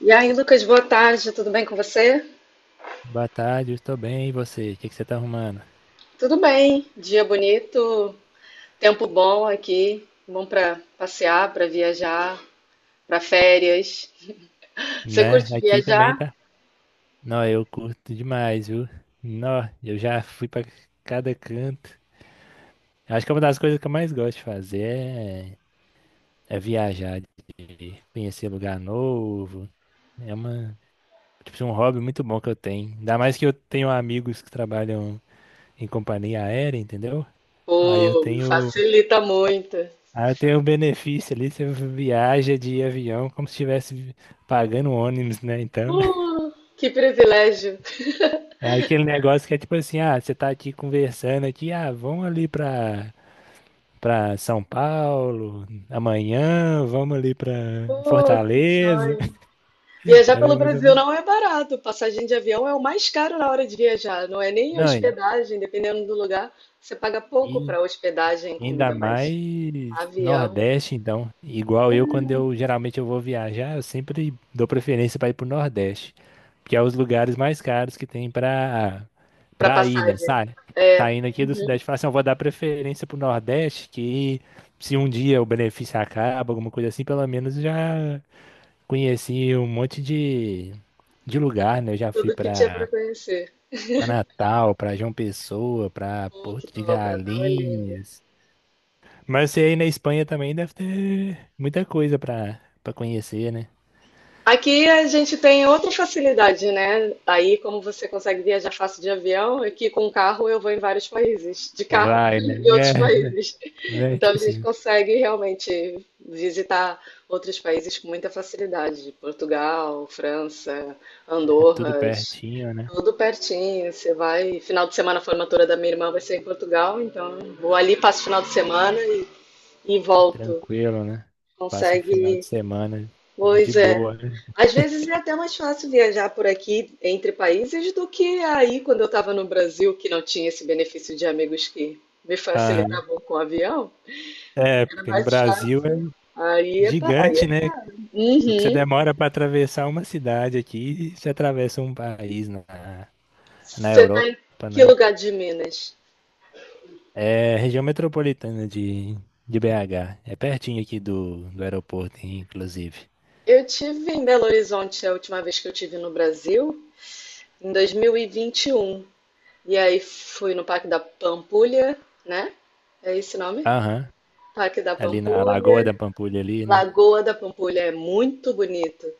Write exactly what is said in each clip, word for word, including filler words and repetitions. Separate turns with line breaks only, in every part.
E aí, Lucas, boa tarde, tudo bem com você?
Boa tarde, eu estou bem. E você? O que que você tá arrumando?
Tudo bem, dia bonito, tempo bom aqui, bom para passear, para viajar, para férias. Você
Né?
curte
Aqui também
viajar?
tá. Não, eu curto demais, viu? Não, eu já fui pra cada canto. Acho que é uma das coisas que eu mais gosto de fazer é, é viajar, de conhecer lugar novo. É uma, tipo, um hobby muito bom que eu tenho. Ainda mais que eu tenho amigos que trabalham em companhia aérea, entendeu? Aí eu
Pô,
tenho,
facilita muito.
aí eu tenho um benefício ali, você viaja de avião como se estivesse pagando ônibus, né? Então
Uh, que privilégio.
é aquele negócio que é tipo assim, ah, você tá aqui conversando aqui, ah, vamos ali pra, pra São Paulo amanhã, vamos ali pra
Uh, que
Fortaleza.
sonho. Viajar
Era
pelo
mais ou
Brasil
menos-
não é barato. Passagem de avião é o mais caro na hora de viajar. Não é nem
Não, e
hospedagem, dependendo do lugar. Você paga pouco para hospedagem,
e ainda
comida, mas
mais
avião,
Nordeste, então. Igual eu, quando eu geralmente eu vou viajar, eu sempre dou preferência pra ir pro Nordeste, que é os lugares mais caros que tem para
para
para ir, né?
passagem.
Sa-
É,
Saindo aqui do Sudeste, fala assim, eu vou dar preferência pro Nordeste, que, se um dia o benefício acaba, alguma coisa assim, pelo menos já conheci um monte de, de lugar, né? Eu já fui
tudo que tinha para
para
conhecer.
Pra Natal, para João Pessoa, para
Pô, que
Porto de
top, Natal é lindo.
Galinhas. Mas você aí na Espanha também deve ter muita coisa para para conhecer, né?
Aqui a gente tem outra facilidade, né? Aí, como você consegue viajar fácil de avião, aqui com carro eu vou em vários países, de carro,
Vai, né?
em outros
É,
países.
né?
Então
Tipo
a gente
assim,
consegue realmente visitar outros países com muita facilidade. Portugal, França,
é tudo
Andorras,
pertinho, né?
tudo pertinho. Você vai, final de semana a formatura da minha irmã vai ser em Portugal, então vou ali, passo o final de semana e, e volto.
Tranquilo, né? Passa o final de
Consegue.
semana de
Pois é.
boa, né?
Às vezes é até mais fácil viajar por aqui entre países do que aí quando eu estava no Brasil, que não tinha esse benefício de amigos que me
Aham.
facilitavam com o avião.
É,
Era
porque no
mais
Brasil é
fácil. Aí é
gigante,
praia.
né? O que você
Uhum.
demora para atravessar uma cidade aqui, você atravessa um país na, na
Você tá em
Europa,
que
né?
lugar de Minas?
É região metropolitana de, de B agá. É pertinho aqui do, do aeroporto, inclusive.
Eu tive em Belo Horizonte a última vez que eu tive no Brasil, em dois mil e vinte e um. E vinte e um. E aí fui no Parque da Pampulha, né? É esse o nome?
Aham.
Parque da
Ali na Lagoa da
Pampulha.
Pampulha ali, né?
Lagoa da Pampulha é muito bonito.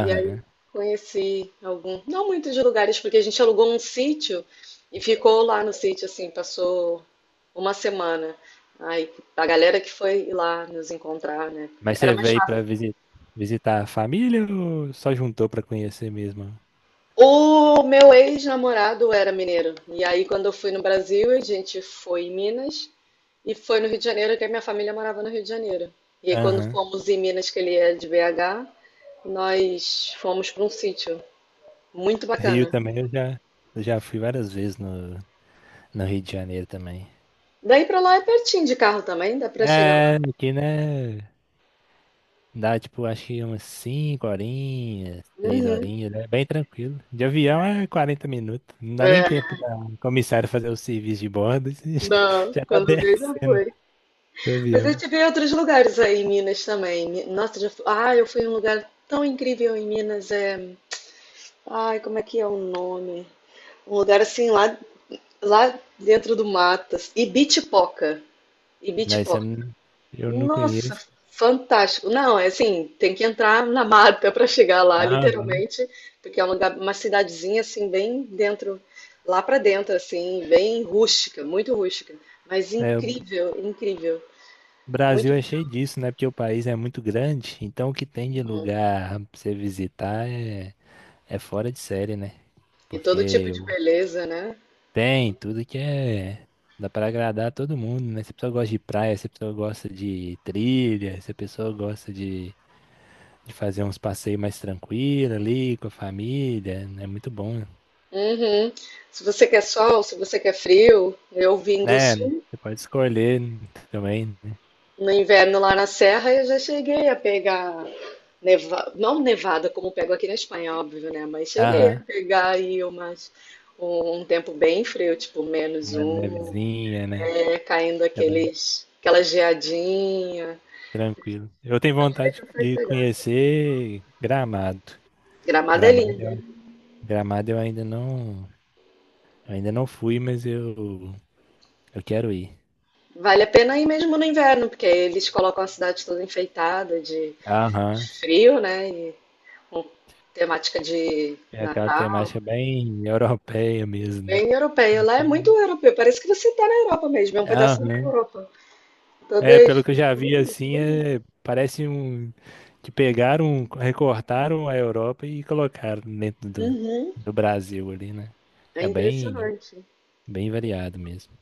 E aí conheci algum, não muitos lugares, porque a gente alugou um sítio e ficou lá no sítio, assim, passou uma semana. Aí a galera que foi lá nos encontrar, né?
Mas
Era
você
mais
veio
fácil.
para visitar a família ou só juntou para conhecer mesmo?
O meu ex-namorado era mineiro. E aí quando eu fui no Brasil, a gente foi em Minas e foi no Rio de Janeiro, que a minha família morava no Rio de Janeiro. E aí quando
Aham.
fomos em Minas, que ele é de B H, nós fomos para um sítio. Muito
Rio
bacana.
também eu já, Eu já fui várias vezes no, no Rio de Janeiro também.
Daí pra lá é pertinho de carro também, dá pra chegar lá.
É, aqui, né? Dá tipo, acho que umas cinco horinhas, seis
Uhum.
horinhas, né? Bem tranquilo. De avião é quarenta minutos. Não dá nem
É,
tempo da comissária fazer o serviço de bordo. Você
não,
já tá
quando veio já
descendo
foi.
do
Mas eu
avião.
tive em outros lugares aí em Minas também. Mi- nossa, já fui... Ah, eu fui em um lugar tão incrível em Minas. É... ai, como é que é o nome? Um lugar assim lá, lá dentro do matas. Ibitipoca.
Não, isso eu
Ibitipoca.
não, eu não
Nossa,
conheço.
fantástico. Não, é assim, tem que entrar na mata para chegar lá,
Ah, uhum.
literalmente, porque é um lugar- uma cidadezinha assim bem dentro, lá para dentro assim, bem rústica, muito rústica, mas
É, o
incrível, incrível,
Brasil
muito
é
legal.
cheio disso, né? Porque o país é muito grande, então o que tem de lugar pra você visitar é, é fora de série, né?
E todo tipo
Porque
de
o-
beleza, né?
Tem tudo que é. Dá pra agradar todo mundo, né? Se a pessoa gosta de praia, se a pessoa gosta de trilha, se a pessoa gosta de, de fazer uns passeios mais tranquilos ali com a família, é muito bom,
Uhum. Se você quer sol, se você quer frio, eu vim do
né? Né?
sul.
Você pode escolher também, né?
No inverno lá na serra eu já cheguei a pegar neva... não nevada como pego aqui na Espanha, é óbvio, né? Mas cheguei a
Aham,
pegar aí umas... um um tempo bem frio, tipo menos
uma
um,
nevezinha, né?
né? Caindo
Aquela-
aqueles... aquela geadinha.
Tranquilo. Eu tenho
Aí
vontade
consegue
de
pegar.
conhecer Gramado.
Gramado é
Gramado,
lindo.
eu- Gramado eu ainda não, eu ainda não fui, mas eu, eu quero ir.
Vale a pena ir mesmo no inverno, porque aí eles colocam a cidade toda enfeitada de, de
Aham.
frio, né? E com temática de
É aquela
Natal.
temática bem europeia mesmo, né?
Bem europeia. Lá é muito europeu. Parece que você está na Europa mesmo. É um pedaço da
Aham.
Europa. Toda
É,
a
pelo que eu já vi,
estrutura e
assim,
tudo.
é, parece um que pegaram, recortaram a Europa e colocaram dentro do,
Uhum.
do Brasil ali, né?
É
É bem,
impressionante.
bem variado mesmo.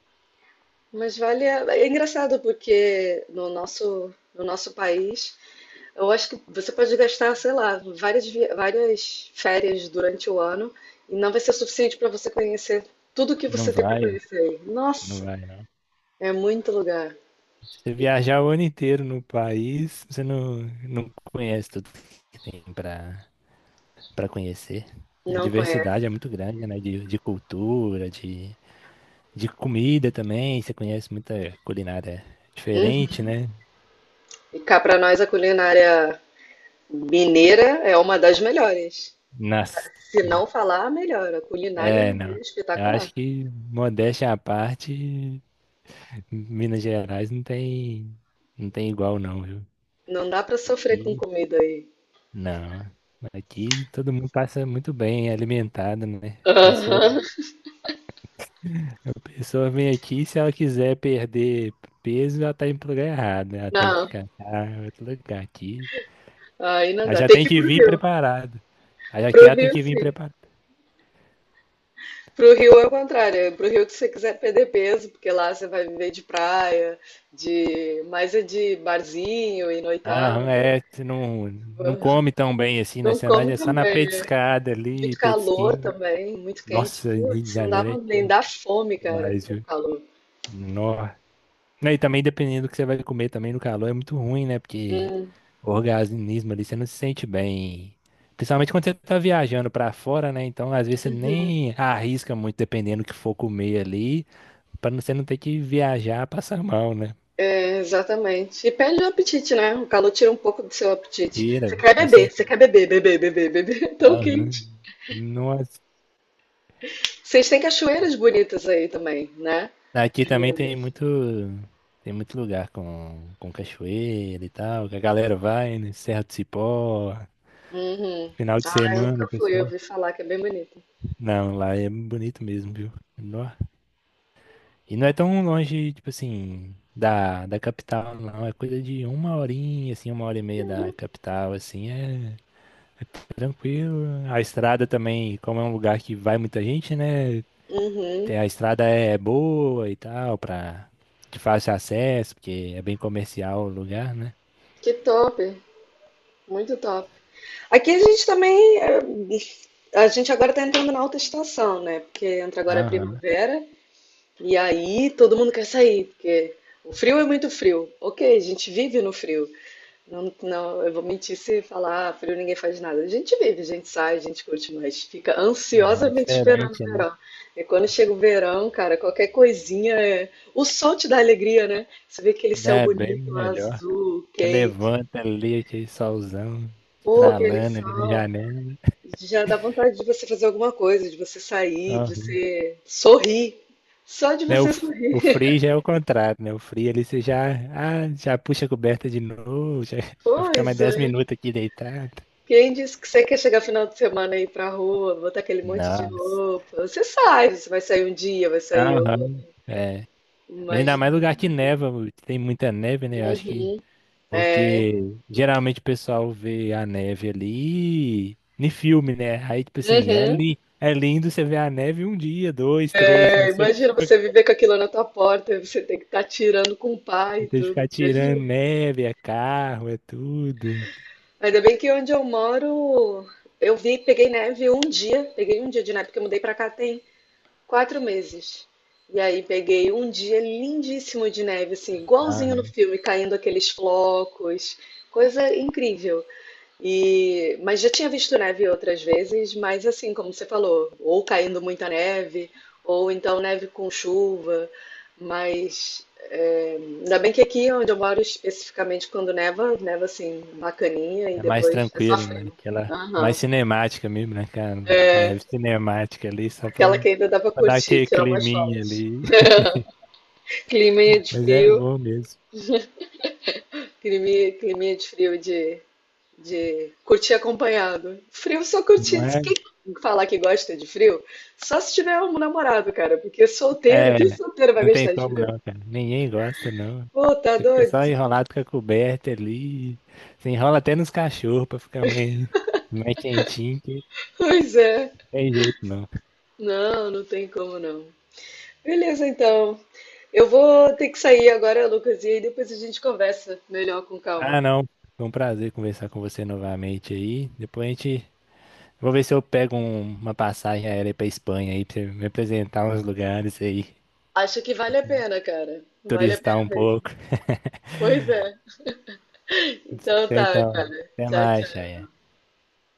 Mas vale. A- é engraçado porque no nosso, no nosso país, eu acho que você pode gastar, sei lá, várias, vi- várias férias durante o ano e não vai ser suficiente para você conhecer tudo que
Não
você tem para
vai,
conhecer aí.
não
Nossa,
vai, não.
é muito lugar
Se você
e
viajar o ano inteiro no país, você não, não conhece tudo que tem para para conhecer. A
não conhece.
diversidade é muito grande, né? De, de cultura, de... De comida também, você conhece muita culinária diferente,
Uhum.
né?
E cá para nós a culinária mineira é uma das melhores.
Nas...
Se não falar, a melhor. A culinária
É,
mineira
não.
é
Eu
espetacular.
acho que, Modéstia à parte, Minas Gerais não tem, não tem igual, não, viu?
Não dá pra sofrer com
E
comida aí.
não. Aqui todo mundo passa muito bem, é alimentado, né? A pessoa,
Aham.
a pessoa vem aqui, se ela quiser perder peso, ela tá indo pro lugar errado, né? Ela tem que
Não,
catar outro lugar aqui.
aí não
Ela
dá.
já
Tem
tem
que ir
que
pro
vir
Rio.
preparada. Aí Aqui
Pro
ela tem
Rio,
que vir
sim.
preparada.
Pro Rio é o contrário. É pro Rio que você quiser perder peso, porque lá você vai viver de praia, de mais é de barzinho e
Aham,
noitada.
é, você não, não come tão bem assim, né?
Não
Você é mais
come
é só na
também. É
petiscada ali,
muito calor
petisquinho.
também, muito quente.
Nossa, Rio de
Putz, não
Janeiro
dava
é
nem dá
quente
fome, cara,
demais,
com o
viu?
calor.
Nó. Não, e também dependendo do que você vai comer também no calor é muito ruim, né? Porque
Hum.
o organismo ali você não se sente bem. Principalmente quando você tá viajando pra fora, né? Então, às vezes você nem arrisca muito dependendo do que for comer ali, pra não- você não ter que viajar passar mal, né?
Exatamente. E perde o apetite, né? O calor tira um pouco do seu apetite. Você
Feira,
quer
com
beber, você
certeza.
quer beber, beber, beber, beber. Tão quente.
Aham. Nossa.
Vocês têm cachoeiras bonitas aí também, né?
Aqui
Em
também tem
Minas.
muito, Tem muito lugar com, com cachoeira e tal, que a galera vai, né? Serra do Cipó,
Uhum.
final de
Ah, eu
semana,
nunca fui, eu
pessoal.
ouvi falar que é bem bonito.
Não, lá é bonito mesmo, viu? Nó. E não é tão longe, tipo assim, da, da capital, não. É coisa de uma horinha, assim, uma hora e meia da capital, assim, é tranquilo. A estrada também, como é um lugar que vai muita gente, né?
Uhum.
tem- A estrada é é boa e tal, pra, de fácil acesso, porque é bem comercial o lugar, né?
Que top. Muito top. Aqui a gente também. É, a gente agora tá entrando na alta estação, né? Porque entra agora a
Aham,
primavera e aí todo mundo quer sair, porque o frio é muito frio. Ok, a gente vive no frio. Não, não, eu vou mentir se falar "Ah, frio, ninguém faz nada. A gente vive, a gente sai, a gente curte, mas fica
aham, É
ansiosamente esperando o
diferente, né?
verão. E quando chega o verão, cara, qualquer coisinha é... O sol te dá alegria, né? Você vê aquele céu
É bem
bonito,
melhor.
azul,
Você
quente.
levanta ali, aquele solzão
Pô, aquele
estralando ali na
sol.
janela.
Já dá vontade de você fazer alguma coisa, de você sair, de
Aham.
você sorrir. Só de
Né? O,
você
f-
sorrir.
o frio já é o contrário, né? O frio ali você já, Ah, já puxa a coberta de novo, já, já fica mais
Pois
dez
é.
minutos aqui deitado.
Quem disse que você quer chegar final de semana aí ir pra rua, botar aquele monte de
Nossa.
roupa? Você sai, você vai sair um dia, vai sair outro.
Aham. É. Mas ainda mais
Imagina.
lugar que neva, tem muita neve, né? Eu acho que
É.
Porque geralmente o pessoal vê a neve ali em filme, né? Aí, tipo assim, é,
Uhum.
li é lindo você ver a neve um dia, dois, três,
É,
mas você,
imagina
você
você viver com aquilo na tua porta, você tem que estar tirando com o pai e
tem que ficar
tudo. Imagina.
tirando neve, é carro, é tudo.
Ainda bem que onde eu moro, eu vi, peguei neve um dia, peguei um dia de neve, porque eu mudei pra cá tem quatro meses. E aí peguei um dia lindíssimo de neve, assim,
Ah,
igualzinho no filme, caindo aqueles flocos, coisa incrível. E, mas já tinha visto neve outras vezes, mas assim, como você falou, ou caindo muita neve, ou então neve com chuva. Mas é, ainda bem que aqui onde eu moro, especificamente quando neva, neva assim, bacaninha, e
é mais
depois é só
tranquilo, né?
frio.
Aquela mais
Aham.
cinemática mesmo, né? Aquela
É,
neve cinemática ali, só
aquela
pra,
que ainda dá pra
pra dar
curtir,
aquele
tirar umas
climinha
fotos.
ali.
Climinha de
Mas é
frio,
bom mesmo.
climinha, climinha de frio de De curtir acompanhado. Frio só
Não
curtir.
é...
Quem falar que gosta de frio, só se tiver um namorado, cara, porque solteiro,
É,
que solteiro vai
não tem
gostar de
como
frio?
não, cara. Ninguém gosta, não.
Pô, tá
Você fica
doido?
só
Você tá-
enrolado com a coberta ali. Você enrola até nos cachorros pra ficar mais, mais quentinho, que
pois é.
não tem jeito, não.
Não, não tem como não. Beleza, então. Eu vou ter que sair agora, Lucas, e aí depois a gente conversa melhor com
Ah,
calma.
não. Foi um prazer conversar com você novamente aí. Depois a gente... Vou ver se eu pego um- uma passagem aérea pra Espanha aí, pra você me apresentar uns lugares aí.
Acho que vale a pena, cara. Vale a
Turistar
pena
um
mesmo.
pouco.
Pois é. Então
Fechou
tá,
então.
cara.
Até
Tchau,
mais,
tchau.
Chay.